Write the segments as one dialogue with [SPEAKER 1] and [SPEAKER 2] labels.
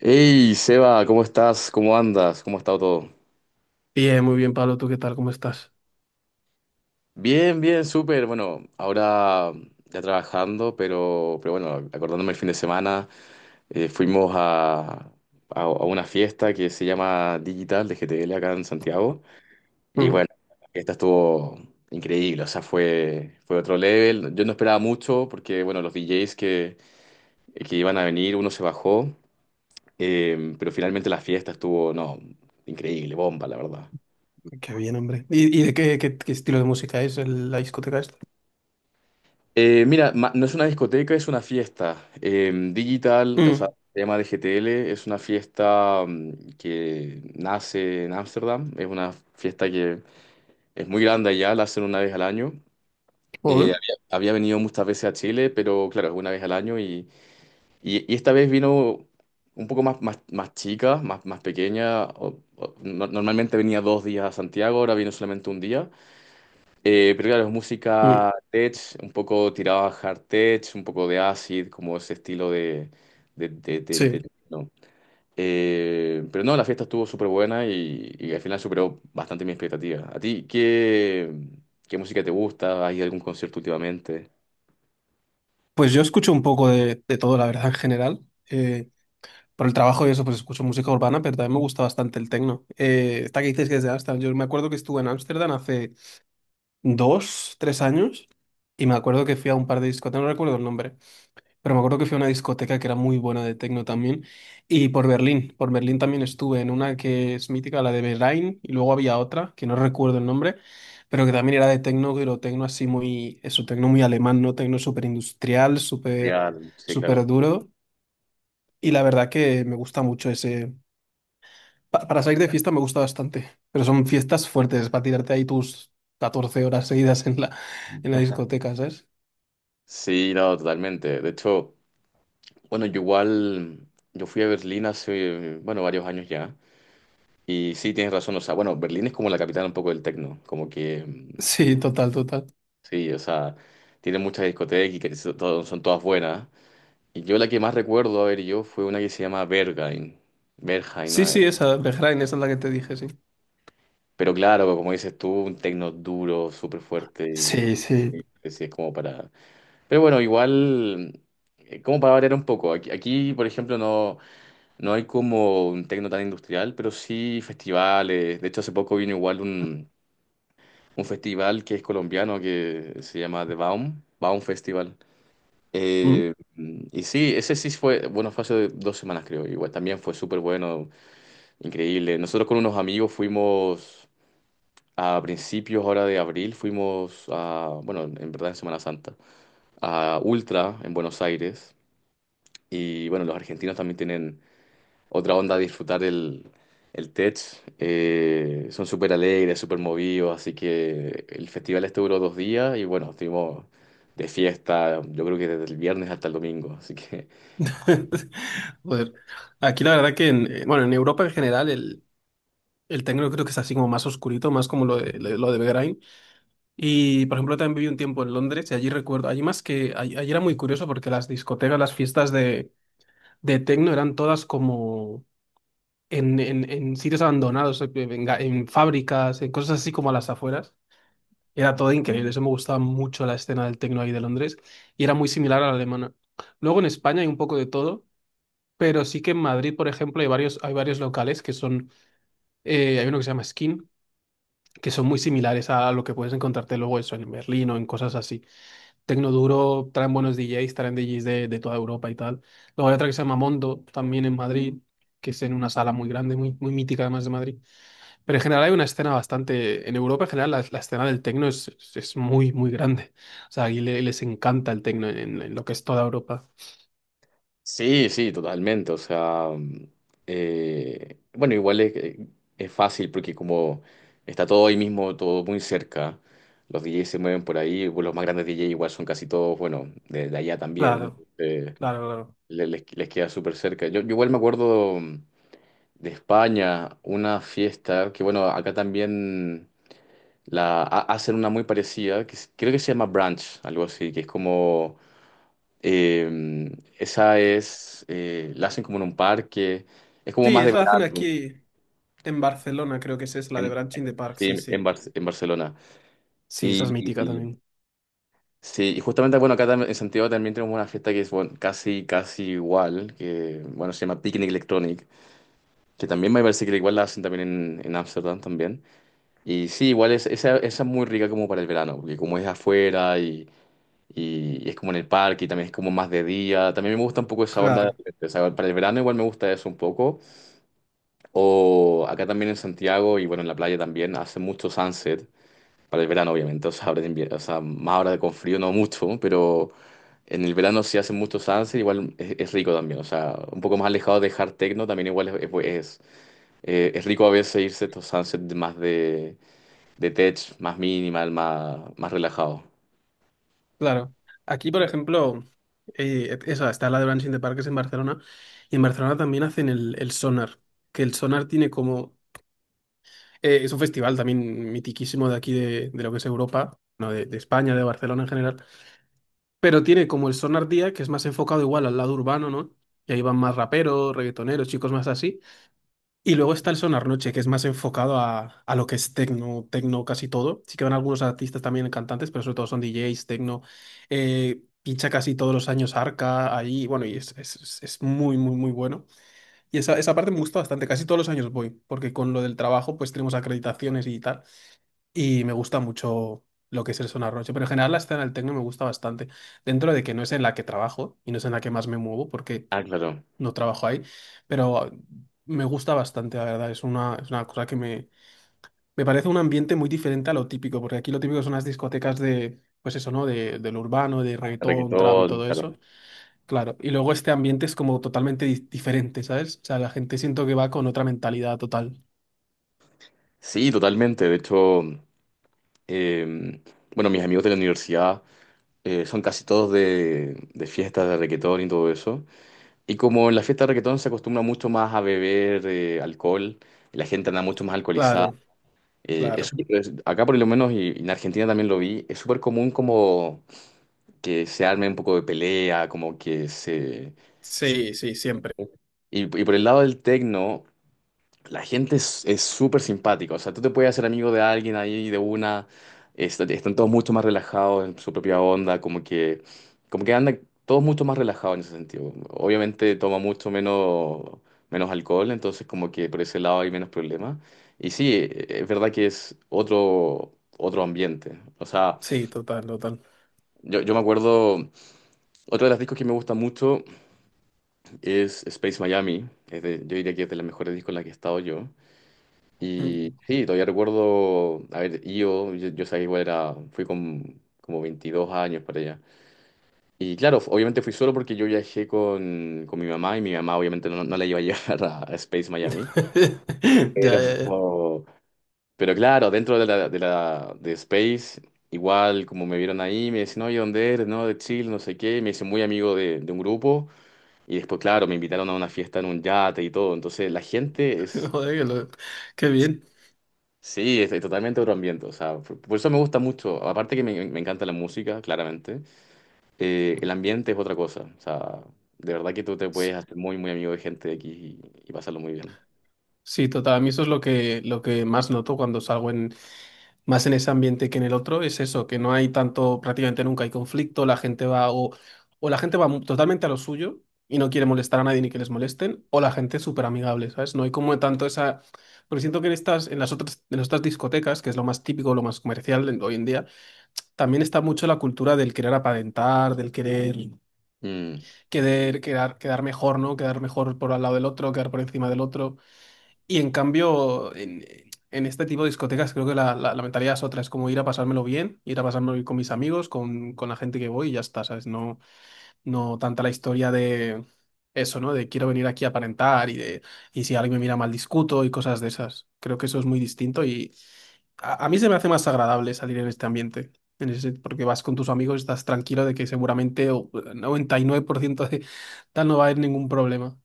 [SPEAKER 1] Hey, Seba, ¿cómo estás? ¿Cómo andas? ¿Cómo ha estado todo?
[SPEAKER 2] Bien, muy bien, Pablo. ¿Tú qué tal? ¿Cómo estás?
[SPEAKER 1] Bien, bien, súper. Bueno, ahora ya trabajando, pero bueno, acordándome el fin de semana, fuimos a una fiesta que se llama Digital de GTL acá en Santiago. Y
[SPEAKER 2] Mm,
[SPEAKER 1] bueno, la fiesta estuvo increíble, o sea, fue otro level. Yo no esperaba mucho porque, bueno, los DJs que iban a venir, uno se bajó, pero finalmente la fiesta estuvo, no, increíble, bomba, la verdad.
[SPEAKER 2] qué bien, hombre. ¿Y de qué estilo de música es la discoteca esta?
[SPEAKER 1] Mira, no es una discoteca, es una fiesta digital, o sea,
[SPEAKER 2] Mm,
[SPEAKER 1] se llama DGTL, es una fiesta que nace en Ámsterdam, es una fiesta que es muy grande allá, la hacen una vez al año.
[SPEAKER 2] joder.
[SPEAKER 1] Había venido muchas veces a Chile, pero claro, es una vez al año y, y esta vez vino un poco más chica, más pequeña. Normalmente venía 2 días a Santiago, ahora vino solamente un día. Pero claro, es
[SPEAKER 2] Mm,
[SPEAKER 1] música tech, un poco tirada a hard tech, un poco de acid, como ese estilo de... de- de- de-
[SPEAKER 2] sí.
[SPEAKER 1] de- No. Pero no, la fiesta estuvo súper buena y, al final superó bastante mi expectativa. ¿A ti qué música te gusta? ¿Hay algún concierto últimamente?
[SPEAKER 2] Pues yo escucho un poco de todo, la verdad, en general. Eh, por el trabajo y eso, pues escucho música urbana, pero también me gusta bastante el techno. Esta que dices que es de Ámsterdam. Yo me acuerdo que estuve en Ámsterdam hace 2, 3 años y me acuerdo que fui a un par de discotecas, no recuerdo el nombre. Pero me acuerdo que fui a una discoteca que era muy buena de techno también. Y por Berlín también estuve en una que es mítica, la de Berlín, y luego había otra, que no recuerdo el nombre, pero que también era de techno, pero techno así muy, eso, techno muy alemán, ¿no? Techno súper industrial, súper,
[SPEAKER 1] Real, sí,
[SPEAKER 2] súper
[SPEAKER 1] claro.
[SPEAKER 2] duro. Y la verdad que me gusta mucho ese. Para salir de fiesta me gusta bastante, pero son fiestas fuertes, para tirarte ahí tus 14 horas seguidas en la discoteca, ¿sabes?
[SPEAKER 1] Sí, no, totalmente. De hecho, bueno, yo igual, yo fui a Berlín hace, bueno, varios años ya. Y sí, tienes razón, o sea, bueno, Berlín es como la capital un poco del techno como que.
[SPEAKER 2] Sí, total, total.
[SPEAKER 1] Sí, o sea, tiene muchas discotecas y que son todas buenas. Y yo la que más recuerdo, a ver, yo fue una que se llama Berghain. Berghain, ¿no?
[SPEAKER 2] Sí, sí, esa, Berlín, esa es la que te dije, sí.
[SPEAKER 1] Pero claro, como dices tú, un techno duro, súper fuerte y,
[SPEAKER 2] Sí, sí.
[SPEAKER 1] es como para. Pero bueno, igual, como para variar un poco. Aquí, por ejemplo, no hay como un techno tan industrial, pero sí festivales. De hecho, hace poco vino igual un festival que es colombiano que se llama The Baum, Baum Festival.
[SPEAKER 2] Mm.
[SPEAKER 1] Eh, y sí, ese sí fue, bueno, fue hace 2 semanas creo, igual también fue súper bueno, increíble. Nosotros con unos amigos fuimos a principios ahora de abril, fuimos a, bueno, en verdad en Semana Santa, a Ultra en Buenos Aires. Y bueno, los argentinos también tienen otra onda de disfrutar el, Tech. Son súper alegres, súper movidos, así que el festival este duró 2 días y bueno, estuvimos de fiesta, yo creo que desde el viernes hasta el domingo, así que.
[SPEAKER 2] Joder. Aquí la verdad que bueno, en Europa en general el techno creo que es así como más oscurito, más como lo de Begrain. Y por ejemplo también viví un tiempo en Londres y allí recuerdo, allí más que, allí era muy curioso porque las discotecas, las fiestas de techno eran todas como en sitios abandonados, en fábricas, en cosas así como a las afueras. Era todo increíble, eso me gustaba mucho la escena del techno ahí de Londres y era muy similar a la alemana. Luego en España hay un poco de todo, pero sí que en Madrid, por ejemplo, hay varios locales que son, hay uno que se llama Skin, que son muy similares a lo que puedes encontrarte luego eso en Berlín o en cosas así. Tecnoduro traen buenos DJs, traen DJs de toda Europa y tal. Luego hay otra que se llama Mondo, también en Madrid, que es en una sala muy grande, muy, muy mítica además de Madrid. Pero en general hay una escena bastante, en Europa en general la escena del tecno es muy, muy grande. O sea, aquí les encanta el tecno en lo que es toda Europa.
[SPEAKER 1] Sí, sí, totalmente. O sea, bueno, igual es fácil porque como está todo ahí mismo, todo muy cerca, los DJs se mueven por ahí, bueno, los más grandes DJs igual son casi todos, bueno, de allá también,
[SPEAKER 2] Claro,
[SPEAKER 1] eh,
[SPEAKER 2] claro.
[SPEAKER 1] les queda súper cerca. Yo igual me acuerdo de España, una fiesta que bueno, acá también la hacen una muy parecida, creo que se llama brunch, algo así, que es como eh, la hacen como en un parque, es como
[SPEAKER 2] Sí,
[SPEAKER 1] más de
[SPEAKER 2] eso hacen
[SPEAKER 1] verano.
[SPEAKER 2] aquí. En Barcelona creo que esa es la de
[SPEAKER 1] en,
[SPEAKER 2] Branching the Park,
[SPEAKER 1] sí,
[SPEAKER 2] sí, sí.
[SPEAKER 1] En Barcelona.
[SPEAKER 2] Sí, esa es
[SPEAKER 1] Y,
[SPEAKER 2] mítica
[SPEAKER 1] y-
[SPEAKER 2] también.
[SPEAKER 1] sí, y justamente, bueno, acá en Santiago también tenemos una fiesta que es bueno, casi, casi igual, que bueno, se llama Picnic Electronic, que también me parece que igual la hacen también en, Ámsterdam también. Y sí, igual es, esa es muy rica como para el verano, porque como es afuera y, y es como en el parque y también es como más de día, también me gusta un poco esa
[SPEAKER 2] Claro,
[SPEAKER 1] onda, o sea, para el verano igual me gusta eso un poco. O acá también en Santiago y bueno, en la playa también hace mucho sunset, para el verano obviamente, o sea, ahora de invierno, o sea, más ahora con frío no mucho, pero en el verano sí hace mucho sunset, igual es rico también, o sea, un poco más alejado de hard techno también igual es rico a veces irse a estos sunsets más de tech, más minimal, más relajado.
[SPEAKER 2] claro. Aquí, por ejemplo, está la de Branching the Park, que es en Barcelona, y en Barcelona también hacen el Sonar, que el Sonar tiene como. Es un festival también mitiquísimo de aquí, de lo que es Europa, no, de España, de Barcelona en general, pero tiene como el Sonar Día, que es más enfocado igual al lado urbano, ¿no? Y ahí van más raperos, reggaetoneros, chicos más así. Y luego está el Sonar Noche, que es más enfocado a lo que es techno, techno casi todo. Sí que van algunos artistas también cantantes, pero sobre todo son DJs, techno. Pincha casi todos los años Arca ahí, bueno, y es, es muy, muy, muy bueno. Y esa parte me gusta bastante, casi todos los años voy, porque con lo del trabajo pues tenemos acreditaciones y tal, y me gusta mucho lo que es el Sonar Noche, pero en general la escena del techno me gusta bastante, dentro de que no es en la que trabajo y no es en la que más me muevo, porque
[SPEAKER 1] Ah, claro,
[SPEAKER 2] no trabajo ahí, pero me gusta bastante, la verdad. Es una cosa que me parece un ambiente muy diferente a lo típico, porque aquí lo típico son las discotecas de, pues eso, ¿no? De, del urbano, de reggaetón, trap y
[SPEAKER 1] todo
[SPEAKER 2] todo eso.
[SPEAKER 1] claro.
[SPEAKER 2] Claro, y luego este ambiente es como totalmente diferente, ¿sabes? O sea, la gente siento que va con otra mentalidad total.
[SPEAKER 1] Sí, totalmente, de hecho, eh, bueno, mis amigos de la universidad. Son casi todos de fiestas de reguetón y todo eso. Y como en la fiesta de reguetón se acostumbra mucho más a beber alcohol, y la gente anda mucho más alcoholizada.
[SPEAKER 2] Claro, claro.
[SPEAKER 1] Acá por lo menos y, en Argentina también lo vi, es súper común como que se arme un poco de pelea. Como que se... se-
[SPEAKER 2] Sí, sí, siempre.
[SPEAKER 1] Y, por el lado del tecno, la gente es súper simpática, o sea, tú te puedes hacer amigo de alguien ahí de una, están todos mucho más relajados en su propia onda, como que andan todos mucho más relajados en ese sentido. Obviamente toma mucho menos alcohol, entonces como que por ese lado hay menos problemas. Y sí, es verdad que es otro ambiente. O sea,
[SPEAKER 2] Sí, total, total.
[SPEAKER 1] yo me acuerdo, otro de los discos que me gusta mucho es Space Miami, yo diría que es de las mejores discos en las que he estado yo. Y
[SPEAKER 2] Mm.
[SPEAKER 1] sí, todavía recuerdo, a ver, IO, yo sabía igual era, fui con como 22 años para allá. Y claro, obviamente fui solo porque yo viajé con mi mamá y mi mamá obviamente no la iba a llevar a Space Miami.
[SPEAKER 2] Ya,
[SPEAKER 1] Pero,
[SPEAKER 2] ya, ya.
[SPEAKER 1] pero claro, dentro de la de Space, igual como me vieron ahí, me decían, oye, ¿dónde eres? No, de Chile, no sé qué. Me hice muy amigo de un grupo. Y después, claro, me invitaron a una fiesta en un yate y todo. Entonces, la gente es.
[SPEAKER 2] Joder, que qué bien.
[SPEAKER 1] Sí, estoy totalmente otro ambiente, o sea, por eso me gusta mucho, aparte que me encanta la música, claramente, el ambiente es otra cosa, o sea, de verdad que tú te puedes hacer muy, muy amigo de gente de aquí y, pasarlo muy bien.
[SPEAKER 2] Sí, total. A mí eso es lo que, más noto cuando salgo más en ese ambiente que en el otro, es eso, que no hay tanto, prácticamente nunca hay conflicto, la gente va o la gente va totalmente a lo suyo y no quiere molestar a nadie ni que les molesten, o la gente es súper amigable, ¿sabes? No hay como tanto esa. Porque siento que en las otras discotecas, que es lo más típico, lo más comercial hoy en día, también está mucho la cultura del querer aparentar, del querer,
[SPEAKER 1] Mm,
[SPEAKER 2] querer quedar, quedar mejor, ¿no? Quedar mejor por al lado del otro, quedar por encima del otro. Y en cambio, en este tipo de discotecas creo que la mentalidad es otra, es como ir a pasármelo bien, ir a pasármelo bien con mis amigos, con la gente que voy y ya está, ¿sabes? No, no tanta la historia de eso, ¿no? De quiero venir aquí a aparentar y de y si alguien me mira mal discuto y cosas de esas. Creo que eso es muy distinto y a mí se me hace más agradable salir en este ambiente. En ese, porque vas con tus amigos, estás tranquilo de que seguramente el 99% de tal no va a haber ningún problema.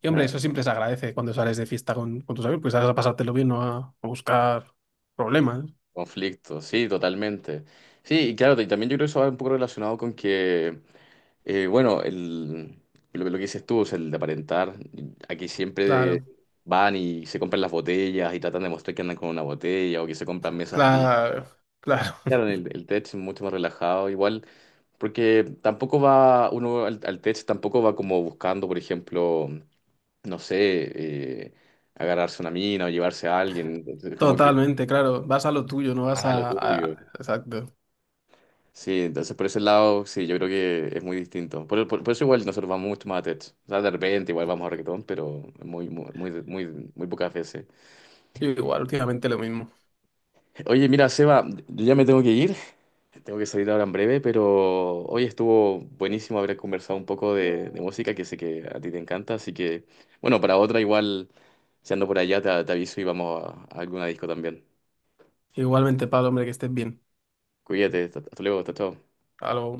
[SPEAKER 2] Y hombre,
[SPEAKER 1] ah,
[SPEAKER 2] eso siempre se agradece cuando sales de fiesta con tus amigos, pues sales a pasártelo bien, no a buscar problemas.
[SPEAKER 1] conflicto, sí, totalmente. Sí, y claro, y también yo creo que eso va un poco relacionado con que, bueno, lo que dices tú, es el de aparentar, aquí siempre
[SPEAKER 2] Claro,
[SPEAKER 1] van y se compran las botellas y tratan de mostrar que andan con una botella o que se compran mesas.
[SPEAKER 2] claro, claro.
[SPEAKER 1] Claro, el tech es mucho más relajado, igual, porque tampoco va, uno al tech tampoco va como buscando, por ejemplo, no sé, eh, agarrarse una mina o llevarse a alguien, entonces, como que,
[SPEAKER 2] Totalmente, claro. Vas a lo tuyo, no vas
[SPEAKER 1] ah, lo
[SPEAKER 2] a.
[SPEAKER 1] tuyo.
[SPEAKER 2] Exacto.
[SPEAKER 1] Sí, entonces por ese lado, sí, yo creo que es muy distinto. Por eso igual nosotros vamos mucho más a tech. O sea, de repente igual vamos a reggaetón, pero muy, muy, muy, muy, muy pocas veces.
[SPEAKER 2] Yo igual, últimamente lo mismo.
[SPEAKER 1] Oye, mira, Seba, yo ya me tengo que ir. Tengo que salir ahora en breve, pero hoy estuvo buenísimo haber conversado un poco de música, que sé que a ti te encanta, así que, bueno, para otra igual, si ando por allá, te aviso y vamos a alguna disco también.
[SPEAKER 2] Igualmente, Pablo, hombre, que estés bien.
[SPEAKER 1] Cuídate, hasta luego, hasta chao.
[SPEAKER 2] Algo.